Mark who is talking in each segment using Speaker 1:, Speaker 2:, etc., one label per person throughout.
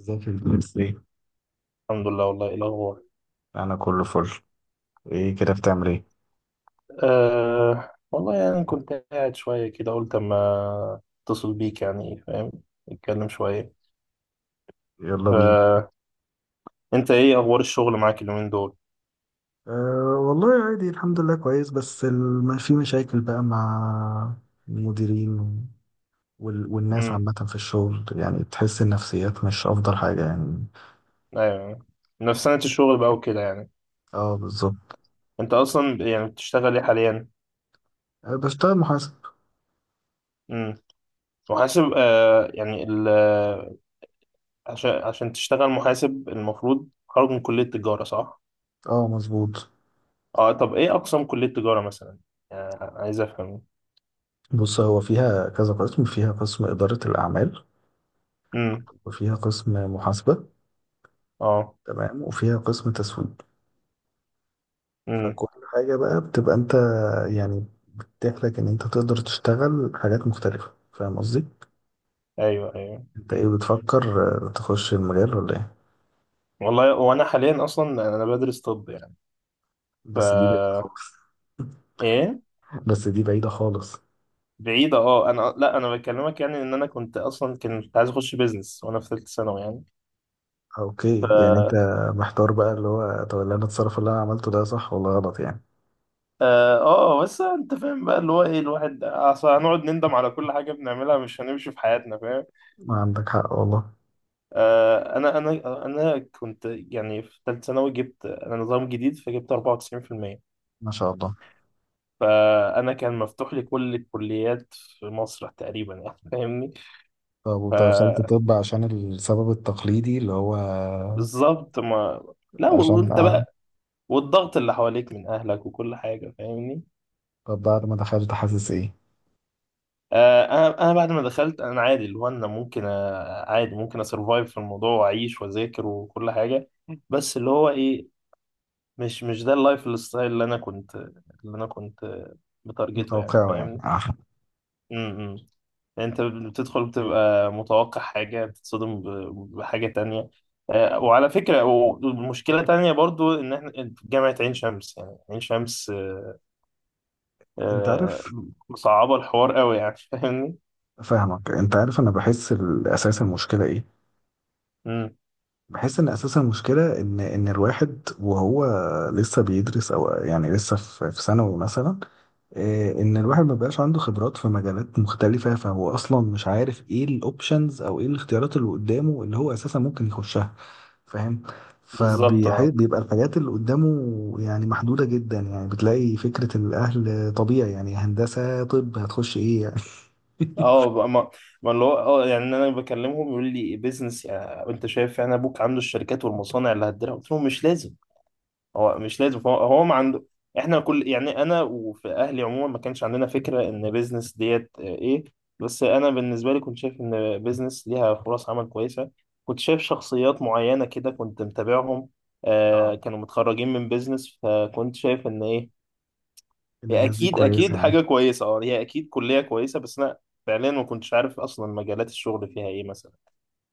Speaker 1: ازيك يا باشمهندس ايه؟
Speaker 2: الحمد لله. والله إيه الأخبار؟
Speaker 1: انا كله فل. ايه كده، بتعمل ايه؟
Speaker 2: والله يعني كنت قاعد شوية كده، قلت أما أتصل بيك، يعني فاهم، نتكلم شوية.
Speaker 1: يلا بينا.
Speaker 2: فأنت إيه أخبار الشغل معاك اليومين دول؟
Speaker 1: أه والله عادي، الحمد لله كويس، بس في مشاكل بقى مع المديرين والناس
Speaker 2: أمم
Speaker 1: عامة في الشغل، يعني تحس النفسيات مش أفضل حاجة يعني.
Speaker 2: أيوه أيوة. نفس سنة الشغل بقى وكده يعني.
Speaker 1: اه بالظبط.
Speaker 2: أنت أصلا يعني بتشتغل إيه حاليا؟
Speaker 1: أه بشتغل محاسب.
Speaker 2: أمم محاسب. أه يعني ال عشان تشتغل محاسب المفروض خارج من كلية تجارة، صح؟
Speaker 1: اه مظبوط.
Speaker 2: طب إيه أقسام كلية تجارة مثلا؟ عايز أفهم.
Speaker 1: بص، هو فيها كذا قسم، فيها قسم إدارة الأعمال،
Speaker 2: أمم
Speaker 1: وفيها قسم محاسبة،
Speaker 2: أه.
Speaker 1: تمام، وفيها قسم تسويق. فكل حاجة بقى بتبقى أنت يعني تتيح لك ان انت تقدر تشتغل حاجات مختلفة، فاهم قصدي؟
Speaker 2: ايوه ايوه.
Speaker 1: انت ايه
Speaker 2: مم.
Speaker 1: بتفكر، تخش المجال ولا ايه؟
Speaker 2: والله، وانا حاليا اصلا انا بدرس طب يعني.
Speaker 1: بس دي بعيدة
Speaker 2: ف
Speaker 1: خالص.
Speaker 2: ايه،
Speaker 1: بس دي بعيدة خالص.
Speaker 2: بعيدة. اه انا، لا، انا بكلمك يعني ان انا كنت اصلا كنت عايز اخش بيزنس وانا في ثالثة ثانوي يعني. ف
Speaker 1: اوكي، يعني انت محتار بقى، اللي هو طب اللي انا اتصرف، اللي انا عملته ده صح ولا غلط يعني.
Speaker 2: اه آه، بس انت فاهم بقى اللي هو ايه، الواحد اصل هنقعد نندم على كل حاجة بنعملها، مش هنمشي في حياتنا، فاهم.
Speaker 1: ما عندك حق والله.
Speaker 2: انا كنت يعني في ثالثة ثانوي، جبت انا نظام جديد فجبت 94%.
Speaker 1: ما شاء الله.
Speaker 2: فانا كان مفتوح لي كل الكليات في مصر تقريبا، يعني فاهمني.
Speaker 1: طب
Speaker 2: ف
Speaker 1: ودخلت طب عشان السبب التقليدي اللي هو
Speaker 2: بالظبط. ما لا
Speaker 1: عشان
Speaker 2: وانت
Speaker 1: أعرف.
Speaker 2: بقى، والضغط اللي حواليك من اهلك وكل حاجه، فاهمني.
Speaker 1: طب بعد ما دخلت حاسس ايه؟
Speaker 2: انا بعد ما دخلت، انا عادي، اللي هو انا ممكن، عادي ممكن اسرفايف في الموضوع واعيش واذاكر وكل حاجه. بس اللي هو ايه، مش ده اللايف ستايل اللي انا كنت، اللي انا كنت بتارجته، يعني
Speaker 1: متوقعه يعني.
Speaker 2: فاهمني.
Speaker 1: آه.
Speaker 2: إمم. يعني انت بتدخل بتبقى متوقع حاجه، بتتصدم بحاجه تانية. وعلى فكرة ومشكلة تانية برضو إن إحنا جامعة عين شمس، يعني عين شمس،
Speaker 1: انت
Speaker 2: آه،
Speaker 1: عارف،
Speaker 2: مصعبة الحوار قوي يعني فاهمني.
Speaker 1: فاهمك. انت عارف انا بحس الاساس المشكلة ايه؟
Speaker 2: امم
Speaker 1: بحس ان اساس المشكله ان الواحد وهو لسه بيدرس، او يعني لسه في ثانوي مثلا. ان الواحد ما بقاش عنده خبرات في مجالات مختلفه، فهو اصلا مش عارف ايه الاوبشنز او ايه الاختيارات اللي قدامه اللي هو اساسا ممكن يخشها، فاهم.
Speaker 2: بالظبط. اه
Speaker 1: فبيبقى الحاجات اللي قدامه يعني محدوده جدا، يعني بتلاقي فكره الاهل طبيعي، يعني هندسه، طب، هتخش ايه يعني.
Speaker 2: اه بقى ما ما اللي هو اه يعني انا بكلمهم، يقول لي بيزنس، يعني انت شايف يعني ابوك عنده الشركات والمصانع اللي هتديرها، قلت لهم مش لازم. هو مش لازم، هو ما عنده. احنا كل يعني انا وفي اهلي عموما، ما كانش عندنا فكرة ان بيزنس ديت، ايه، بس انا بالنسبة لي كنت شايف ان بيزنس ليها فرص عمل كويسة. كنت شايف شخصيات معينة كده، كنت متابعهم.
Speaker 1: اه،
Speaker 2: كانوا متخرجين من بيزنس، فكنت شايف ان ايه،
Speaker 1: ان
Speaker 2: هي
Speaker 1: الناس دي
Speaker 2: اكيد
Speaker 1: كويسه
Speaker 2: اكيد
Speaker 1: يعني.
Speaker 2: حاجه كويسه. اه هي اكيد كليه كويسه، بس انا فعليا ما كنتش عارف اصلا مجالات الشغل فيها ايه مثلا،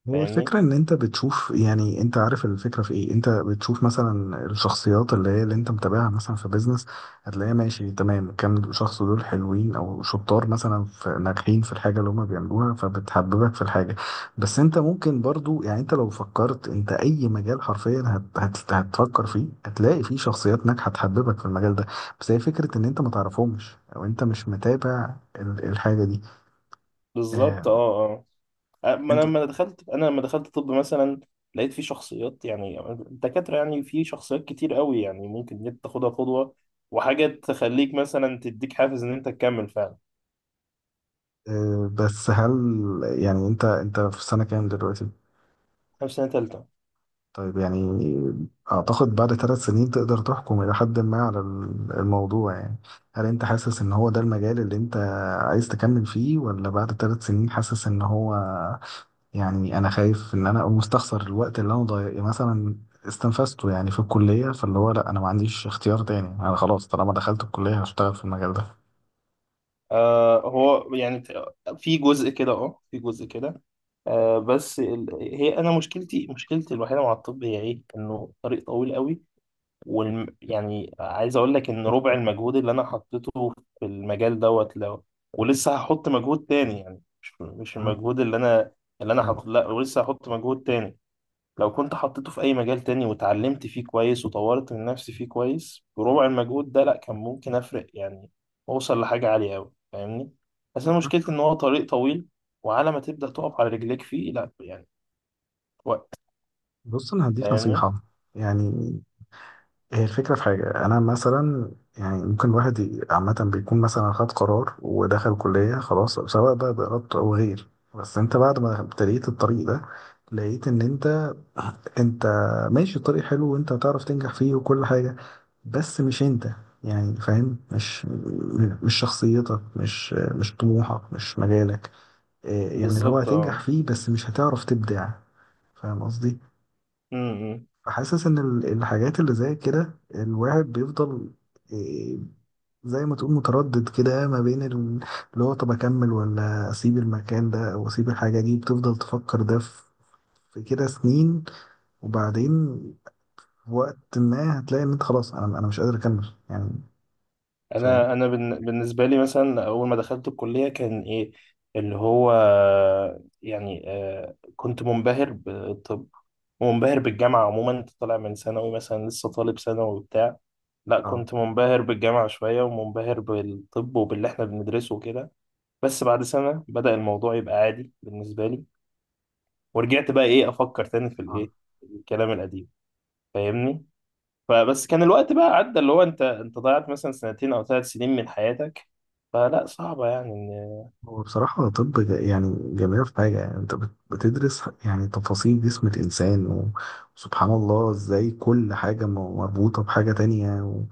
Speaker 1: هو
Speaker 2: فاهمني.
Speaker 1: الفكرة إن أنت بتشوف، يعني أنت عارف الفكرة في إيه؟ أنت بتشوف مثلا الشخصيات اللي هي اللي أنت متابعها مثلا في بيزنس، هتلاقيها ماشي تمام، كام شخص دول حلوين أو شطار مثلا، في ناجحين في الحاجة اللي هما بيعملوها، فبتحببك في الحاجة. بس أنت ممكن برضو، يعني أنت لو فكرت، أنت أي مجال حرفيا هت هت هتفكر فيه، هتلاقي فيه شخصيات ناجحة تحببك في المجال ده. بس هي فكرة إن أنت ما تعرفهمش أو أنت مش متابع الحاجة دي.
Speaker 2: بالظبط.
Speaker 1: آه،
Speaker 2: اه اه ما انا
Speaker 1: انت
Speaker 2: لما دخلت، طب مثلا، لقيت في شخصيات، يعني الدكاتره، يعني في شخصيات كتير قوي، يعني ممكن إن انت تاخدها قدوه، وحاجه تخليك مثلا تديك حافز ان انت تكمل فعلا.
Speaker 1: بس هل يعني انت في سنة كام دلوقتي؟
Speaker 2: حافز سنه تالته.
Speaker 1: طيب يعني اعتقد بعد ثلاث سنين تقدر تحكم الى حد ما على الموضوع يعني. هل انت حاسس ان هو ده المجال اللي انت عايز تكمل فيه، ولا بعد ثلاث سنين حاسس ان هو، يعني انا خايف ان انا اقوم مستخسر الوقت اللي انا ضايق مثلا استنفذته يعني في الكلية، فاللي هو لا انا ما عنديش اختيار تاني، انا خلاص طالما دخلت الكلية هشتغل في المجال ده.
Speaker 2: هو يعني في جزء كده، في جزء كده. آه بس ال... هي انا مشكلتي، مشكلتي الوحيده مع الطب هي ايه، انه طريق طويل قوي. يعني عايز اقول لك ان ربع المجهود اللي انا حطيته في المجال دوت لو، ولسه هحط مجهود تاني، يعني مش
Speaker 1: أه،
Speaker 2: المجهود اللي انا، اللي انا
Speaker 1: فاهم
Speaker 2: حاطه،
Speaker 1: قصدي؟
Speaker 2: لا، ولسه هحط مجهود تاني، لو كنت حطيته في أي مجال تاني واتعلمت فيه كويس وطورت من نفسي فيه كويس بربع المجهود ده، لأ، كان ممكن أفرق يعني، أوصل لحاجة عالية أوي، فاهمني. بس أنا مشكلتي إن هو طريق طويل، وعلى ما تبدأ تقف على رجليك فيه، لأ يعني وقت،
Speaker 1: بص انا هديك
Speaker 2: فاهمني.
Speaker 1: نصيحة. يعني هي الفكرة في حاجة، أنا مثلا يعني ممكن الواحد عامة بيكون مثلا خد قرار ودخل كلية خلاص، سواء بقى بإرادته أو غير. بس أنت بعد ما ابتديت الطريق ده لقيت إن أنت أنت ماشي الطريق حلو، وأنت هتعرف تنجح فيه وكل حاجة، بس مش أنت، يعني فاهم، مش مش شخصيتك، مش طموحك، مش مجالك. يعني اللي هو
Speaker 2: بالظبط.
Speaker 1: هتنجح
Speaker 2: اه
Speaker 1: فيه بس مش هتعرف تبدع، فاهم قصدي؟
Speaker 2: م- م.
Speaker 1: حاسس ان الحاجات اللي زي كده الواحد بيفضل، إيه، زي ما تقول متردد كده ما بين اللي هو طب اكمل ولا اسيب المكان ده او اسيب الحاجة دي، بتفضل تفكر ده في كده سنين، وبعدين في وقت ما هتلاقي ان انت خلاص، انا مش قادر اكمل يعني، فاهم.
Speaker 2: انا بالنسبه لي مثلا، اول ما دخلت الكليه كان ايه اللي هو يعني، كنت منبهر بالطب ومنبهر بالجامعه عموما. انت طالع من ثانوي مثلا، لسه طالب ثانوي وبتاع، لا
Speaker 1: اه
Speaker 2: كنت منبهر بالجامعه شويه ومنبهر بالطب وباللي احنا بندرسه وكده. بس بعد سنه بدأ الموضوع يبقى عادي بالنسبه لي، ورجعت بقى ايه افكر تاني في
Speaker 1: اه.
Speaker 2: الايه، الكلام القديم، فاهمني. فبس كان الوقت بقى عدى، اللي هو انت ضيعت مثلا سنتين او ثلاث سنين من حياتك. فلا، صعبة يعني ان،
Speaker 1: هو بصراحة طب يعني جميلة في حاجة، يعني انت بتدرس يعني تفاصيل جسم الانسان وسبحان الله، ازاي كل حاجة مربوطة بحاجة تانية، و...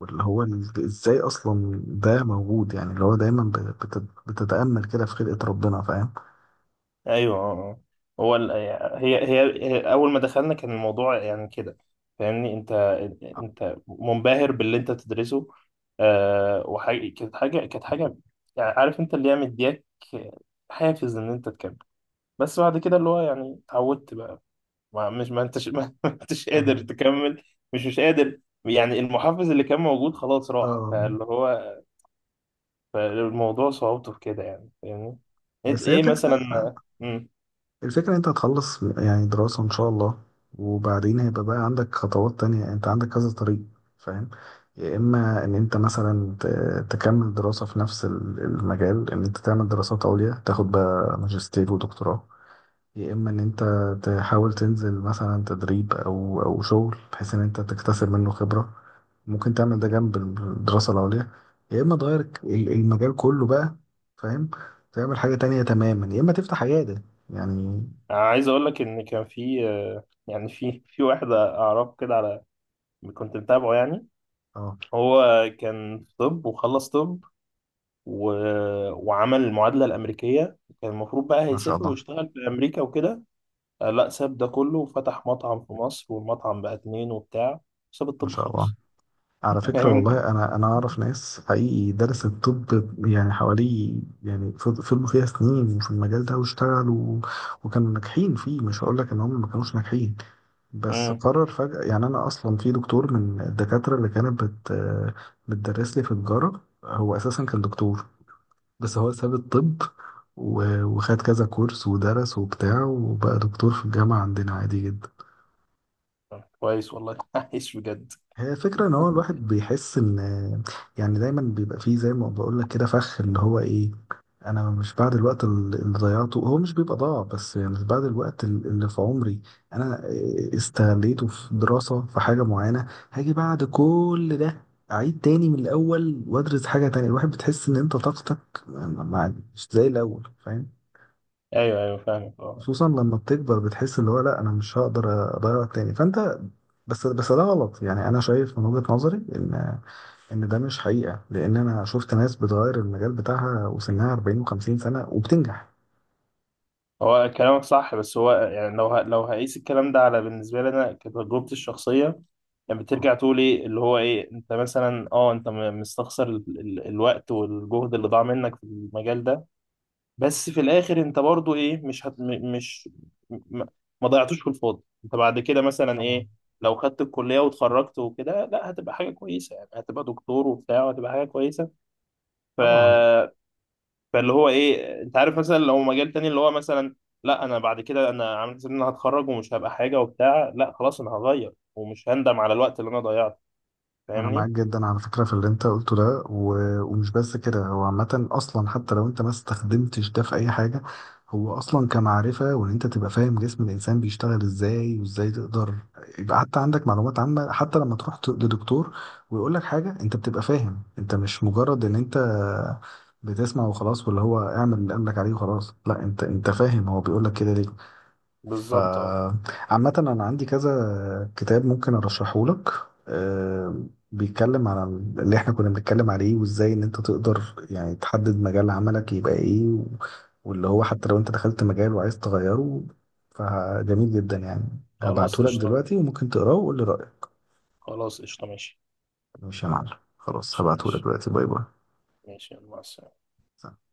Speaker 1: واللي هو ازاي اصلا ده موجود، يعني اللي هو دايما بتتأمل كده في خلقة ربنا، فاهم.
Speaker 2: ايوه. اه اه. هو ال... هي... هي هي اول ما دخلنا كان الموضوع يعني كده، فاهمني. انت منبهر باللي انت بتدرسه. آه وحاجة كانت حاجة كانت حاجة يعني عارف انت اللي هي مدياك حافز ان انت تكمل. بس بعد كده اللي هو يعني اتعودت بقى، ما انتش ما انتش قادر
Speaker 1: فاهمك.
Speaker 2: تكمل، مش قادر، يعني المحفز اللي كان موجود خلاص راح،
Speaker 1: اه.
Speaker 2: فاللي هو، فالموضوع صعوبته في كده، يعني فاهمني. ايه،
Speaker 1: بس هي فكرة
Speaker 2: مثلا. امم
Speaker 1: الفكرة انت هتخلص يعني دراسة ان شاء الله، وبعدين هيبقى بقى عندك خطوات تانية، انت عندك كذا طريق، فاهم. يا اما ان انت مثلا تكمل دراسة في نفس المجال، ان انت تعمل دراسات عليا تاخد بقى ماجستير ودكتوراه، يا اما ان انت تحاول تنزل مثلا تدريب او شغل، بحيث ان انت تكتسب منه خبرة، ممكن تعمل ده جنب الدراسة العليا، يا اما تغير المجال كله بقى، فاهم، تعمل حاجة تانية تماما، يا اما تفتح عيادة يعني.
Speaker 2: عايز اقول لك ان كان في، يعني في واحد اعرفه كده على، كنت متابعه يعني،
Speaker 1: اه،
Speaker 2: هو كان في طب وخلص طب و... وعمل المعادلة الأمريكية، كان المفروض بقى
Speaker 1: ما شاء
Speaker 2: هيسافر
Speaker 1: الله.
Speaker 2: ويشتغل في أمريكا وكده. لا، ساب ده كله وفتح مطعم في مصر والمطعم بقى اتنين وبتاع. ساب
Speaker 1: ما
Speaker 2: الطب
Speaker 1: شاء الله.
Speaker 2: خالص.
Speaker 1: على فكرة
Speaker 2: فاهمني؟
Speaker 1: والله انا اعرف ناس حقيقي درست طب، يعني حوالي، يعني فضلوا فيها سنين في المجال ده واشتغلوا، وكانوا ناجحين فيه، مش هقول لك ان هم ما كانوش ناجحين. بس
Speaker 2: امم
Speaker 1: قرر فجأة، يعني أنا أصلا في دكتور من الدكاترة اللي كانت بتدرس لي في تجارة، هو أساسا كان دكتور بس هو ساب الطب، وخد كذا كورس ودرس وبتاع وبقى دكتور في الجامعة عندنا عادي جدا.
Speaker 2: كويس والله. عايش بجد.
Speaker 1: هي فكرة ان هو الواحد بيحس ان، يعني دايما بيبقى فيه زي ما بقول لك كده فخ، اللي هو ايه، انا مش بعد الوقت اللي ضيعته هو مش بيبقى ضاع بس، يعني مش بعد الوقت اللي في عمري انا استغليته في دراسة في حاجة معينة هاجي بعد كل ده اعيد تاني من الاول وادرس حاجة تانية، الواحد بتحس ان انت طاقتك مش زي الاول، فاهم.
Speaker 2: ايوه ايوه فاهمك. اه
Speaker 1: خصوصا لما بتكبر بتحس اللي هو لا انا مش هقدر اضيع تاني فانت، بس ده غلط يعني، انا شايف من وجهة نظري ان ده مش حقيقة، لان انا شفت ناس بتغير المجال بتاعها وسنها 40 و50 سنة وبتنجح.
Speaker 2: هو كلامك صح، بس هو يعني لو هقيس الكلام ده على، بالنسبه لي انا كتجربتي الشخصيه، يعني
Speaker 1: آه،
Speaker 2: بترجع تقول ايه، اللي هو ايه، انت مثلا، انت مستخسر الوقت والجهد اللي ضاع منك في المجال ده. بس في الاخر انت برضو ايه، مش هت... م- مش م- ما ضيعتوش في الفاضي. انت بعد كده مثلا
Speaker 1: طبعا
Speaker 2: ايه، لو خدت الكليه واتخرجت وكده، لا هتبقى حاجه كويسه، يعني هتبقى دكتور وبتاع وهتبقى حاجه كويسه. ف...
Speaker 1: طبعا.
Speaker 2: فاللي هو ايه، انت عارف مثلا لو مجال تاني اللي هو مثلا، لا، انا بعد كده انا عامل حساب ان انا هتخرج ومش هبقى حاجه وبتاع، لا خلاص انا هغير ومش هندم على الوقت اللي انا ضيعته،
Speaker 1: انا معاك
Speaker 2: فاهمني.
Speaker 1: جدا على فكره في اللي انت قلته ده، ومش بس كده، هو عامه اصلا حتى لو انت ما استخدمتش ده في اي حاجه، هو اصلا كمعرفه، وان انت تبقى فاهم جسم الانسان بيشتغل ازاي وازاي تقدر يبقى، حتى عندك معلومات عامه، حتى لما تروح لدكتور ويقول لك حاجه انت بتبقى فاهم، انت مش مجرد ان انت بتسمع وخلاص، واللي هو اعمل اللي قال لك عليه وخلاص، لا انت فاهم هو بيقول لك كده ليه. ف
Speaker 2: بالظبط. اه
Speaker 1: عامة أنا عندي كذا كتاب ممكن أرشحه لك، آه، بيتكلم على اللي إحنا كنا بنتكلم عليه، وإزاي إن أنت تقدر يعني تحدد مجال عملك يبقى إيه، واللي هو حتى لو أنت دخلت مجال وعايز تغيره، فجميل جدا يعني،
Speaker 2: خلاص
Speaker 1: هبعته لك
Speaker 2: قشطه.
Speaker 1: دلوقتي وممكن تقراه وقول لي رأيك.
Speaker 2: خلاص قشطه،
Speaker 1: ماشي يا معلم، خلاص هبعته لك
Speaker 2: ماشي
Speaker 1: دلوقتي، باي باي.
Speaker 2: ماشي، يلا مع السلامه.